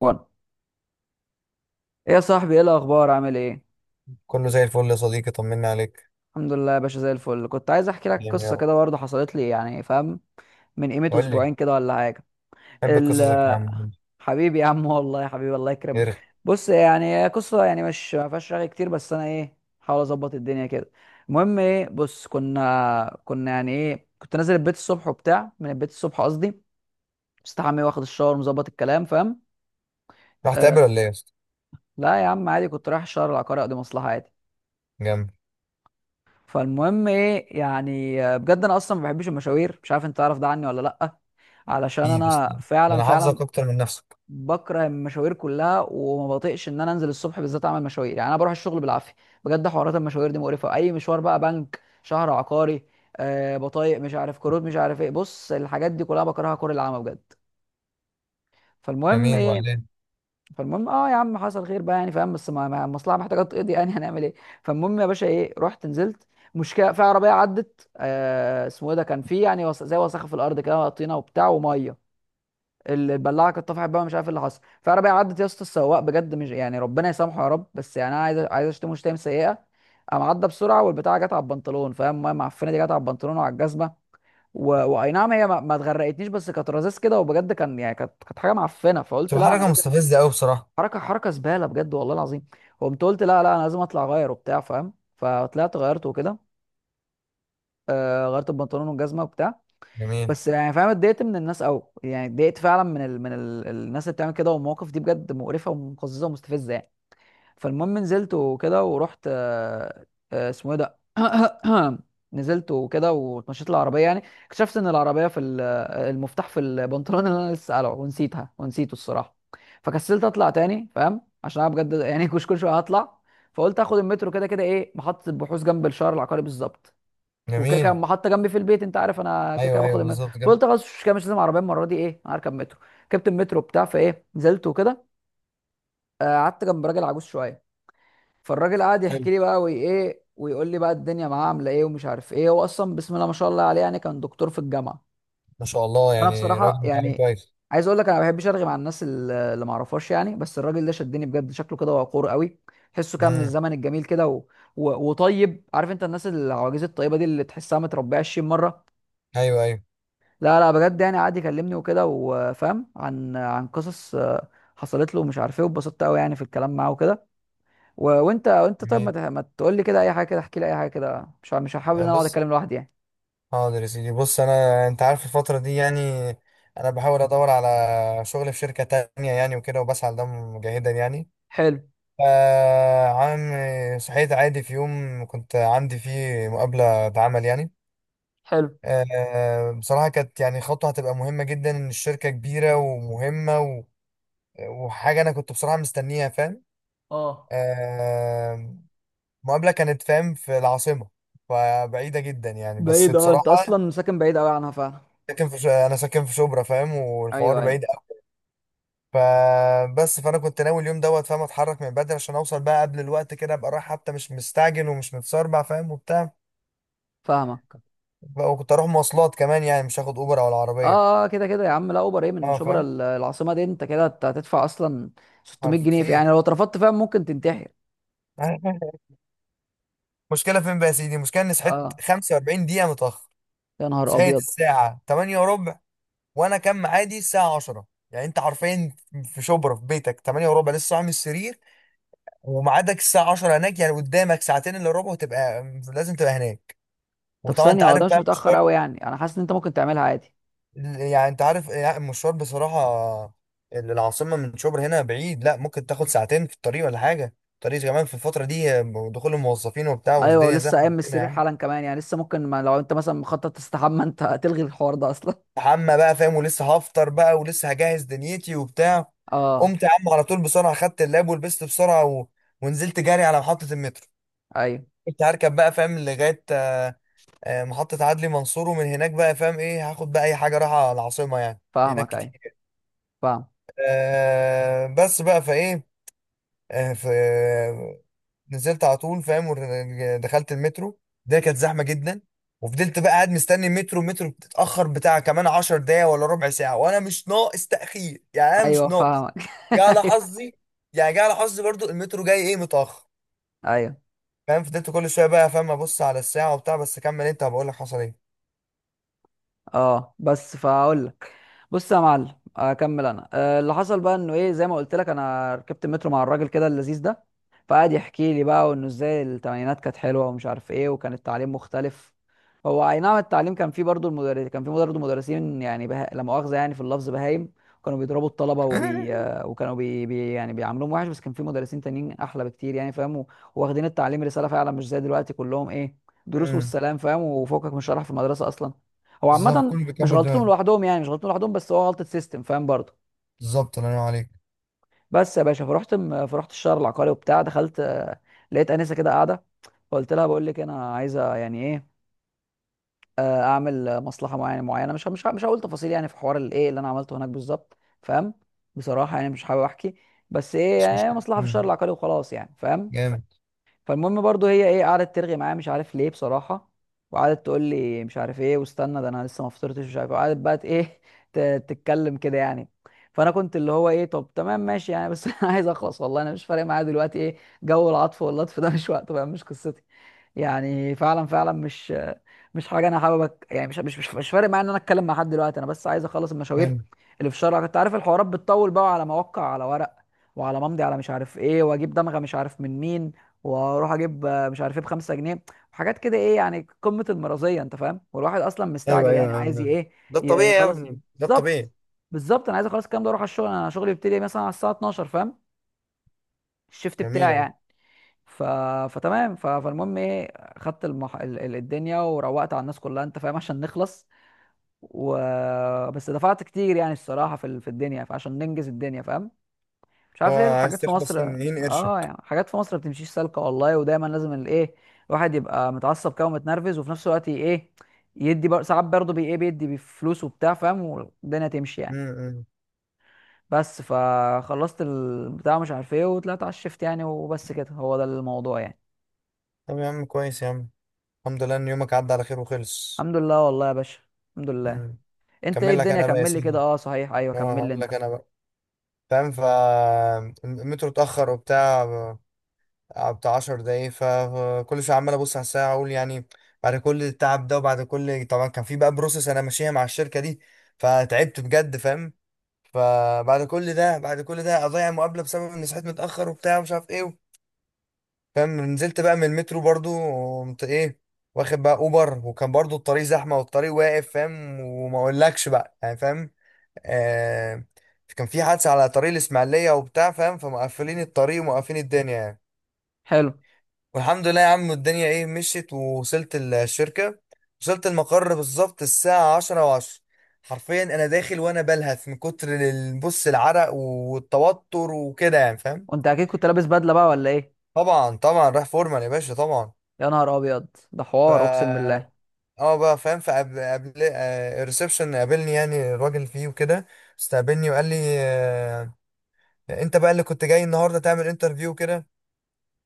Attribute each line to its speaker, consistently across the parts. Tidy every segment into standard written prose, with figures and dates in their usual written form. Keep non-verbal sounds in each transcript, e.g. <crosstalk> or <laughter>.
Speaker 1: وانا، ايه يا صاحبي؟ ايه الاخبار؟ عامل ايه؟
Speaker 2: كله زي الفل يا صديقي، طمنا عليك.
Speaker 1: الحمد لله يا باشا، زي الفل. كنت عايز احكي لك
Speaker 2: جامد يا
Speaker 1: قصه
Speaker 2: رب.
Speaker 1: كده برضه حصلت لي، يعني فاهم؟ من قيمه
Speaker 2: قول لي.
Speaker 1: اسبوعين كده ولا حاجه.
Speaker 2: بحب قصصك يا
Speaker 1: ال-
Speaker 2: عم، قول
Speaker 1: <laughs> حبيبي يا عم، والله يا حبيبي الله
Speaker 2: لي
Speaker 1: يكرمك.
Speaker 2: ارغي.
Speaker 1: بص، يعني هي قصه، يعني مش ما فيهاش رغي كتير، بس انا ايه، حاول اظبط الدنيا كده. المهم ايه، بص، كنا يعني ايه، كنت نازل البيت الصبح وبتاع، من البيت الصبح قصدي، مستحمي واخد الشاور مظبط الكلام، فاهم؟
Speaker 2: رحت
Speaker 1: آه.
Speaker 2: تقابل ولا ايه يا اسطى؟
Speaker 1: لا يا عم عادي، كنت رايح الشهر العقاري اقضي مصلحه عادي.
Speaker 2: جامد.
Speaker 1: فالمهم ايه، يعني بجد انا اصلا ما بحبش المشاوير، مش عارف انت تعرف ده عني ولا لا، علشان
Speaker 2: اكيد يا اسطى،
Speaker 1: انا
Speaker 2: ده
Speaker 1: فعلا
Speaker 2: انا
Speaker 1: فعلا
Speaker 2: حافظك اكتر من نفسك.
Speaker 1: بكره المشاوير كلها، وما بطيقش ان انا انزل الصبح بالذات اعمل مشاوير، يعني انا بروح الشغل بالعافيه، بجد. حوارات المشاوير دي مقرفه، اي مشوار بقى، بنك، شهر عقاري، آه، بطايق، مش عارف كروت، مش عارف ايه، بص الحاجات دي كلها بكرهها كره العامه بجد. فالمهم
Speaker 2: جميل،
Speaker 1: ايه،
Speaker 2: وبعدين؟
Speaker 1: فالمهم اه يا عم، حصل خير بقى يعني فاهم، بس المصلحه محتاجه تقضي يعني <laughs> هنعمل ايه. فالمهم يا باشا ايه، رحت نزلت، مشكله في عربيه عدت، آه اسمه ايه ده، كان في يعني زي وسخه في الارض كده، طينه وبتاع وميه. البلاعه كانت طفحت بقى، مش عارف إيه اللي حصل. في عربيه عدت يا اسطى، السواق بجد مش يعني، ربنا يسامحه يا رب، بس يعني انا عايز اشتمه شتايم سيئه. قام عدى بسرعه والبتاعه جت على البنطلون، فاهم؟ الميه المعفنه دي جت على البنطلون وعلى الجزمه و... واي نعم، هي ما اتغرقتنيش، بس كانت رذاذ كده، وبجد كان يعني كانت حاجه معفنه، فقلت
Speaker 2: تبقى
Speaker 1: لا انا
Speaker 2: حركه
Speaker 1: لازم.
Speaker 2: مستفزه قوي بصراحه.
Speaker 1: حركه، حركه زباله بجد، والله العظيم. وقمت قلت لا لا، انا لازم اطلع اغير وبتاع، فاهم؟ فطلعت غيرت وكده. آه غيرت البنطلون والجزمه وبتاع.
Speaker 2: جميل.
Speaker 1: بس يعني فاهم، اتضايقت من الناس قوي، يعني اتضايقت فعلا من الناس اللي بتعمل كده، والمواقف دي بجد مقرفه ومقززه ومستفزه يعني. فالمهم نزلت وكده ورحت، اسمه ايه ده، <coughs> <clears throat> نزلت وكده واتمشيت العربيه، يعني اكتشفت ان العربيه في المفتاح في البنطلون اللي انا لسه قلعه، ونسيتها ونسيته الصراحه. فكسلت اطلع تاني، فاهم؟ عشان انا بجد <laughs> يعني كل شويه هطلع. فقلت اخد المترو، كده كده ايه، محطه البحوث جنب الشارع العقاري بالظبط، وكده كده
Speaker 2: جميل.
Speaker 1: محطه جنبي في البيت، انت عارف انا كده كده
Speaker 2: ايوه
Speaker 1: باخد
Speaker 2: ايوه
Speaker 1: المترو.
Speaker 2: بالظبط، جامد.
Speaker 1: فقلت خلاص مش كده، مش لازم عربيه المره دي، ايه انا هركب مترو. ركبت المترو بتاع فايه نزلت وكده. قعدت جنب راجل عجوز شويه. فالراجل قعد
Speaker 2: حلو.
Speaker 1: يحكي لي بقى، وايه، ويقول لي بقى الدنيا معاه عامله ايه، ومش عارف ايه. هو اصلا بسم الله ما شاء الله عليه، يعني كان دكتور في الجامعه.
Speaker 2: ما شاء الله،
Speaker 1: انا
Speaker 2: يعني
Speaker 1: بصراحه
Speaker 2: راجل متعلم
Speaker 1: يعني،
Speaker 2: كويس.
Speaker 1: عايز اقول لك انا ما بحبش ارغي مع الناس اللي ما اعرفهاش يعني، بس الراجل ده شدني بجد، شكله كده وقور قوي، تحسه كده من
Speaker 2: امم.
Speaker 1: الزمن الجميل كده وطيب. عارف انت الناس العواجيز الطيبه دي اللي تحسها متربيه 20 مره.
Speaker 2: ايوه ايوه.
Speaker 1: لا لا بجد يعني، قعد يكلمني وكده، وفاهم عن قصص حصلت له ومش عارف ايه، واتبسطت قوي يعني في الكلام معاه وكده. و... وانت طيب،
Speaker 2: جميل.
Speaker 1: ما تقول لي كده اي حاجه كده، احكي لي اي حاجه كده، مش هحاول ان
Speaker 2: يعني
Speaker 1: انا اقعد
Speaker 2: بص،
Speaker 1: اتكلم لوحدي يعني.
Speaker 2: حاضر يا سيدي، بص انا انت عارف الفتره دي يعني انا بحاول ادور على شغل في شركه تانية يعني وكده، وبسعى لده مجاهدا يعني.
Speaker 1: حلو.
Speaker 2: آه عم، صحيت عادي في يوم كنت عندي فيه مقابلة عمل يعني.
Speaker 1: حلو.
Speaker 2: آه بصراحة كانت يعني خطوة هتبقى مهمة جدا، إن الشركة كبيرة ومهمة و... وحاجة أنا كنت بصراحة مستنيها، فاهم.
Speaker 1: اه،
Speaker 2: آه مقابلة كانت فاهم في العاصمة، فبعيدة جدا يعني بس
Speaker 1: بعيد اه، انت
Speaker 2: بصراحة.
Speaker 1: اصلا ساكن بعيد قوي عنها فعلا.
Speaker 2: ساكن في أنا ساكن في شبرا، فاهم،
Speaker 1: ايوه
Speaker 2: والحوار
Speaker 1: ايوه،
Speaker 2: بعيد أوي. فبس فأنا كنت ناوي اليوم دوت، فاهم، أتحرك من بدري عشان أوصل بقى قبل الوقت كده، أبقى رايح حتى مش مستعجل ومش متسربع، فاهم وبتاع.
Speaker 1: فاهمك.
Speaker 2: وكنت اروح مواصلات كمان، يعني مش هاخد اوبر او
Speaker 1: اه
Speaker 2: العربيه.
Speaker 1: اه، كده كده يا عم، لا اوبر ايه من
Speaker 2: اه
Speaker 1: شبرا
Speaker 2: فاهم.
Speaker 1: العاصمه دي، انت كده هتدفع اصلا 600
Speaker 2: عارف
Speaker 1: جنيه في يعني
Speaker 2: كتير.
Speaker 1: لو اترفضت فاهم، ممكن تنتحر.
Speaker 2: <laughs> مشكله فين بقى يا سيدي؟ المشكله اني صحيت
Speaker 1: اه.
Speaker 2: 45 دقيقه متاخر.
Speaker 1: يا نهار
Speaker 2: صحيت
Speaker 1: ابيض.
Speaker 2: الساعه 8 وربع، وانا كان ميعادي الساعه 10. يعني انت حرفيا في شبرا في بيتك 8 وربع لسه صاحي من السرير، وميعادك الساعه 10 هناك، يعني قدامك ساعتين الا ربع وتبقى لازم تبقى هناك،
Speaker 1: طب
Speaker 2: وطبعا انت
Speaker 1: ثانيه، هو
Speaker 2: عارف
Speaker 1: ده مش
Speaker 2: بقى.
Speaker 1: متاخر قوي يعني؟ انا حاسس ان انت ممكن تعملها عادي.
Speaker 2: يعني انت عارف، يعني المشوار بصراحة العاصمة من شبرا هنا بعيد، لا ممكن تاخد ساعتين في الطريق ولا حاجة، الطريق كمان في الفترة دي دخول الموظفين وبتاع،
Speaker 1: ايوه،
Speaker 2: والدنيا
Speaker 1: ولسه
Speaker 2: زحمة
Speaker 1: قايم من
Speaker 2: كده يا
Speaker 1: السرير
Speaker 2: عم.
Speaker 1: حالا كمان، يعني لسه ممكن، ما لو انت مثلا مخطط تستحمى <laughs> انت هتلغي الحوار ده اصلا.
Speaker 2: حمى بقى فاهم، ولسه هفطر بقى ولسه هجهز دنيتي وبتاع.
Speaker 1: اه.
Speaker 2: قمت يا عم على طول بسرعة، خدت اللاب ولبست بسرعة و... ونزلت جري على محطة المترو.
Speaker 1: ايوه
Speaker 2: كنت هركب بقى فاهم لغاية محطة عدلي منصور، ومن هناك بقى فاهم ايه هاخد بقى أي حاجة رايحة العاصمة، يعني في هناك
Speaker 1: فاهمك. ايوه
Speaker 2: كتير.
Speaker 1: فاهم.
Speaker 2: بس بقى فايه، آه، ف نزلت على طول فاهم، دخلت المترو. ده كانت زحمه جدا. وفضلت بقى قاعد مستني المترو، المترو بتتاخر بتاع كمان 10 دقايق ولا ربع ساعه، وانا مش ناقص تاخير يعني، انا مش
Speaker 1: ايوه
Speaker 2: ناقص.
Speaker 1: فاهمك. <laughs>
Speaker 2: جه على
Speaker 1: ايوه
Speaker 2: حظي، يعني جه على حظي برضو المترو جاي ايه متاخر.
Speaker 1: ايوه.
Speaker 2: فاهم، فضلت كل شويه بقى فاهم ابص على الساعه وبتاع، بس كمل انت هبقول لك حصل ايه.
Speaker 1: اه بس فاقول لك. بص يا معلم اكمل انا، اللي حصل بقى انه ايه، زي ما قلت لك، انا ركبت المترو مع الراجل كده اللذيذ ده، فقعد يحكي لي بقى، وانه ازاي التمانينات كانت حلوه ومش عارف ايه، وكان التعليم مختلف. هو اي نعم، التعليم كان فيه برضه، المدرس كان فيه برضه مدرسين يعني لا مؤاخذه يعني في اللفظ بهايم، كانوا بيضربوا الطلبه وبي...
Speaker 2: <laughs>
Speaker 1: آه، وكانوا يعني بيعاملوهم وحش، بس كان فيه مدرسين تانيين احلى بكتير يعني فاهم، واخدين التعليم رساله فعلا، مش زي دلوقتي كلهم ايه، دروس
Speaker 2: امم.
Speaker 1: والسلام، فاهم؟ وفوقك من شرح في المدرسه اصلا. هو
Speaker 2: بالظبط،
Speaker 1: عامة،
Speaker 2: كله
Speaker 1: مش
Speaker 2: بيكبر
Speaker 1: غلطتهم
Speaker 2: دماغه.
Speaker 1: لوحدهم، يعني مش غلطتهم لوحدهم، بس هو غلطه سيستم، فاهم برضه.
Speaker 2: بالظبط، الله ينور عليك.
Speaker 1: بس يا باشا، فرحت الشهر العقاري وبتاع، دخلت لقيت انسه كده قاعده، فقلت لها بقول لك انا عايزه يعني ايه، اعمل مصلحه معينه معينه، مش هقول تفاصيل يعني، في حوار الايه اللي انا عملته هناك بالظبط، فاهم؟ بصراحه يعني مش حابب احكي، بس ايه
Speaker 2: مش
Speaker 1: يعني
Speaker 2: مشكله.
Speaker 1: مصلحه في الشهر
Speaker 2: مم.
Speaker 1: العقاري وخلاص يعني، فاهم؟
Speaker 2: جامد.
Speaker 1: فالمهم برضو هي ايه، قعدت ترغي معايا مش عارف ليه بصراحه، وقعدت تقول لي مش عارف ايه، واستنى ده انا لسه ما فطرتش، مش عارف ايه. وقعدت بقى ت- ايه <laughs> تتكلم كده يعني، فانا كنت اللي هو ايه طب تمام ماشي يعني، بس <laughs> انا عايز اخلص والله، انا مش فارق معايا دلوقتي ايه جو العطف واللطف ده، مش وقته بقى، مش قصتي. يعني فعلا فعلا، مش مش حاجه انا حابب يعني مش فارق معايا ان انا اتكلم مع حد دلوقتي، انا بس عايز اخلص المشاوير
Speaker 2: حلو.
Speaker 1: اللي في الشارع. كنت عارف الحوارات بتطول بقى، على موقع، على ورق، وعلى ممضي، على مش عارف ايه، واجيب دمغه مش عارف من مين، واروح اجيب مش عارف ايه بخمسة جنيه، وحاجات كده ايه يعني، قمة المرضية، انت فاهم؟ والواحد اصلا
Speaker 2: ايوه
Speaker 1: مستعجل يعني،
Speaker 2: ايوه،
Speaker 1: عايز
Speaker 2: أيوة. ده الطبيعي يا
Speaker 1: يخلص.
Speaker 2: ابني، ده
Speaker 1: بالظبط،
Speaker 2: الطبيعي.
Speaker 1: بالظبط. انا عايز اخلص الكلام ده واروح على الشغل، انا شغلي بيبتدي مثلا على الساعة 12، فاهم؟ الشيفت
Speaker 2: جميل
Speaker 1: بتاعي
Speaker 2: أوي.
Speaker 1: يعني. ف... فتمام، ف... فالمهم ايه، خدت الدنيا، وروقت على الناس كلها، انت فاهم؟ عشان نخلص، و... بس دفعت كتير يعني الصراحة في الدنيا، فعشان ننجز الدنيا فاهم. مش
Speaker 2: هو
Speaker 1: عارف ليه
Speaker 2: عايز
Speaker 1: الحاجات في
Speaker 2: تخلص،
Speaker 1: مصر، اه
Speaker 2: ينقرشك.
Speaker 1: يعني حاجات في مصر ما بتمشيش سالكه والله، ودايما لازم الايه، الواحد يبقى متعصب كده ومتنرفز، وفي نفس الوقت ايه، ساعات برضه بي ايه بيدي بفلوس وبتاع، فاهم؟ والدنيا تمشي يعني.
Speaker 2: امم.
Speaker 1: بس فخلصت البتاع مش عارف ايه، وطلعت على الشفت يعني، وبس كده، هو ده الموضوع يعني.
Speaker 2: طب يا عم كويس يا عم، الحمد لله ان يومك عدى على خير وخلص.
Speaker 1: الحمد لله والله يا باشا، الحمد لله.
Speaker 2: امم.
Speaker 1: انت ايه
Speaker 2: كمل لك
Speaker 1: الدنيا؟
Speaker 2: انا بقى يا
Speaker 1: كمل لي كده.
Speaker 2: سيدي،
Speaker 1: اه صحيح، ايوه
Speaker 2: اه
Speaker 1: كمل لي
Speaker 2: هقول
Speaker 1: انت.
Speaker 2: لك انا بقى. فاهم، المترو اتاخر وبتاع، بتاع 10 دقايق، فكل شويه عمال ابص على الساعه اقول يعني. بعد كل التعب ده، وبعد كل طبعا كان في بقى بروسس انا ماشيها مع الشركه دي، فتعبت بجد فاهم. فبعد كل ده بعد كل ده اضيع مقابله بسبب اني صحيت متاخر وبتاع ومش عارف ايه. فاهم، نزلت بقى من المترو برضو، قمت ايه واخد بقى اوبر، وكان برضو الطريق زحمه والطريق واقف فاهم، وما اقولكش بقى يعني، فاهم. آه كان في حادثه على طريق الاسماعيليه وبتاع فاهم، فمقفلين الطريق ومقفلين الدنيا يعني.
Speaker 1: حلو.
Speaker 2: والحمد لله يا عم الدنيا ايه مشيت ووصلت الشركه. وصلت المقر بالظبط الساعه 10:10، حرفيا انا داخل وانا بلهث من كتر بص العرق والتوتر وكده يعني، فاهم.
Speaker 1: وانت اكيد كنت لابس بدله بقى ولا ايه؟
Speaker 2: طبعا طبعا رايح فورمال يا باشا، طبعا.
Speaker 1: يا نهار ابيض، ده
Speaker 2: ف
Speaker 1: حوار اقسم بالله.
Speaker 2: اه بقى فاهم، فقبل الريسبشن قابلني، يعني الراجل فيه وكده. استقبلني وقال لي: آه، انت بقى اللي كنت جاي النهارده تعمل انترفيو كده،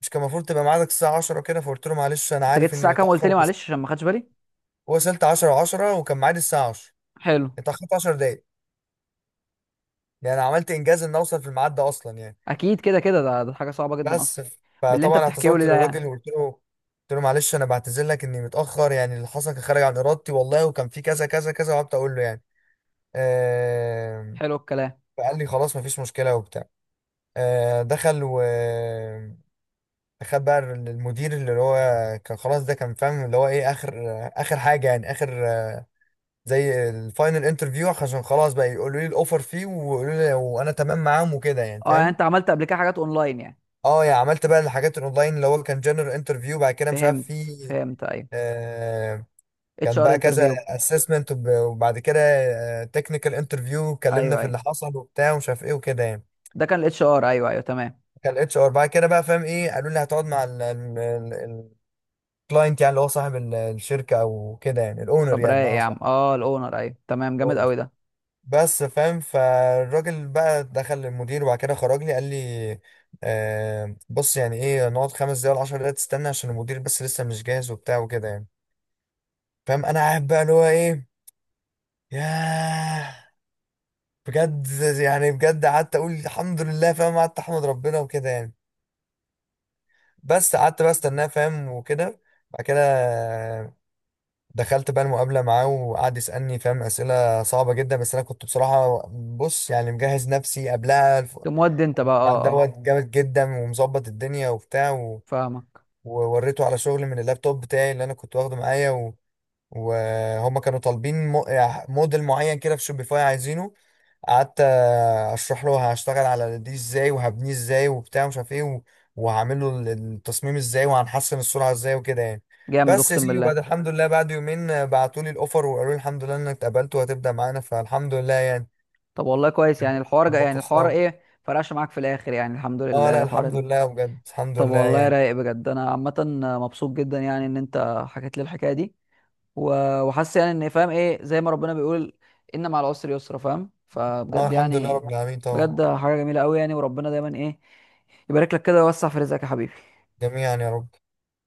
Speaker 2: مش كان المفروض تبقى ميعادك الساعه 10 كده؟ فقلت له: معلش، انا
Speaker 1: انت جيت
Speaker 2: عارف اني
Speaker 1: الساعه كام قلت
Speaker 2: متاخر،
Speaker 1: لي؟
Speaker 2: بس
Speaker 1: معلش عشان ما خدش بالي.
Speaker 2: وصلت 10:10 وكان ميعادي الساعه 10.
Speaker 1: حلو.
Speaker 2: اتاخرت 10 دقايق، يعني انا عملت انجاز ان اوصل في الميعاد ده اصلا يعني.
Speaker 1: اكيد كده كده، ده حاجه صعبه جدا
Speaker 2: بس
Speaker 1: اصلا، باللي انت
Speaker 2: فطبعا
Speaker 1: بتحكيه
Speaker 2: اعتذرت
Speaker 1: لي ده يعني.
Speaker 2: للراجل وقلت له، قلت له: معلش انا بعتذر لك اني متاخر، يعني اللي حصل كان خارج عن ارادتي والله، وكان في كذا كذا كذا، وقعدت اقول له يعني.
Speaker 1: حلو الكلام.
Speaker 2: فقال لي: خلاص، مفيش مشكلة وبتاع. دخل و خد بقى المدير، اللي هو كان خلاص، ده كان فاهم اللي هو ايه، اخر، حاجة يعني، اخر زي الفاينل انترفيو، عشان خلاص بقى يقولوا لي الاوفر فيه ويقولوا لي، وانا تمام معاهم وكده يعني،
Speaker 1: اه يعني
Speaker 2: فاهم.
Speaker 1: انت عملت قبل كده حاجات اونلاين يعني؟
Speaker 2: اه يعني عملت بقى الحاجات الاونلاين، اللي هو كان جنرال انترفيو، بعد كده مش عارف
Speaker 1: فهمت
Speaker 2: في.
Speaker 1: فهمت ايوه،
Speaker 2: آه
Speaker 1: اتش
Speaker 2: كان
Speaker 1: ار
Speaker 2: بقى كذا
Speaker 1: انترفيو.
Speaker 2: اسسمنت، وبعد كده تكنيكال انترفيو، اتكلمنا
Speaker 1: ايوه
Speaker 2: في اللي
Speaker 1: ايوه،
Speaker 2: حصل وبتاع ومش عارف ايه وكده يعني.
Speaker 1: ده كان الاتش ار، ايوه ايوه تمام.
Speaker 2: كان الاتش ار بعد كده بقى فاهم ايه، قالوا لي هتقعد مع الكلاينت، يعني اللي هو صاحب الشركه او كده، يعني الاونر
Speaker 1: طب
Speaker 2: يعني
Speaker 1: رايق يا
Speaker 2: بمعنى
Speaker 1: عم،
Speaker 2: صح،
Speaker 1: اه الاونر، ايوه تمام، جامد
Speaker 2: الاونر.
Speaker 1: قوي ده.
Speaker 2: بس فاهم، فالراجل بقى دخل للمدير وبعد كده خرج لي قال لي: بص يعني ايه، نقعد خمس دقايق ولا 10 دقايق تستنى عشان المدير بس لسه مش جاهز وبتاع وكده يعني. فاهم، انا قاعد بقى اللي هو ايه، ياه، بجد، يعني بجد قعدت اقول الحمد لله فاهم، قعدت احمد ربنا وكده يعني. بس قعدت بقى استناه فاهم وكده. بعد كده دخلت بقى المقابلة معاه، وقعد يسألني فاهم أسئلة صعبة جدا، بس أنا كنت بصراحة بص يعني مجهز نفسي قبلها،
Speaker 1: تقوم ودي انت بقى،
Speaker 2: مع
Speaker 1: اه اه.
Speaker 2: دوت جامد جدا ومظبط الدنيا وبتاع، و...
Speaker 1: فاهمك.
Speaker 2: ووريته على شغل من اللابتوب بتاعي اللي أنا كنت واخده معايا، و... وهما كانوا طالبين موديل معين كده في شوبيفاي عايزينه. قعدت اشرح له هشتغل على دي ازاي وهبنيه ازاي وبتاع مش عارف ايه، وهعمل له التصميم ازاي وهنحسن السرعه ازاي وكده يعني.
Speaker 1: جامد
Speaker 2: بس يا
Speaker 1: اقسم
Speaker 2: سيدي، وبعد
Speaker 1: بالله.
Speaker 2: الحمد لله بعد يومين بعتوا لي الاوفر وقالوا لي الحمد لله انك اتقبلت وهتبدا معانا، فالحمد لله يعني.
Speaker 1: طب والله كويس
Speaker 2: كان
Speaker 1: يعني، الحوار جا يعني،
Speaker 2: موقف
Speaker 1: الحوار
Speaker 2: صعب.
Speaker 1: ايه فرقش معاك في الاخر يعني، الحمد
Speaker 2: اه
Speaker 1: لله،
Speaker 2: لا،
Speaker 1: الحوار
Speaker 2: الحمد
Speaker 1: ال...
Speaker 2: لله بجد، الحمد
Speaker 1: طب
Speaker 2: لله
Speaker 1: والله
Speaker 2: يعني.
Speaker 1: رايق بجد. انا عامه مبسوط جدا يعني ان انت حكيت لي الحكايه دي، وحاسس يعني ان فاهم ايه، زي ما ربنا بيقول ان مع العسر يسرا، فاهم؟
Speaker 2: اه
Speaker 1: فبجد
Speaker 2: الحمد لله
Speaker 1: يعني،
Speaker 2: رب العالمين
Speaker 1: بجد
Speaker 2: طبعا.
Speaker 1: حاجه جميله قوي يعني. وربنا دايما ايه، يبارك لك كده ويوسع في رزقك يا حبيبي.
Speaker 2: جميعا يا رب.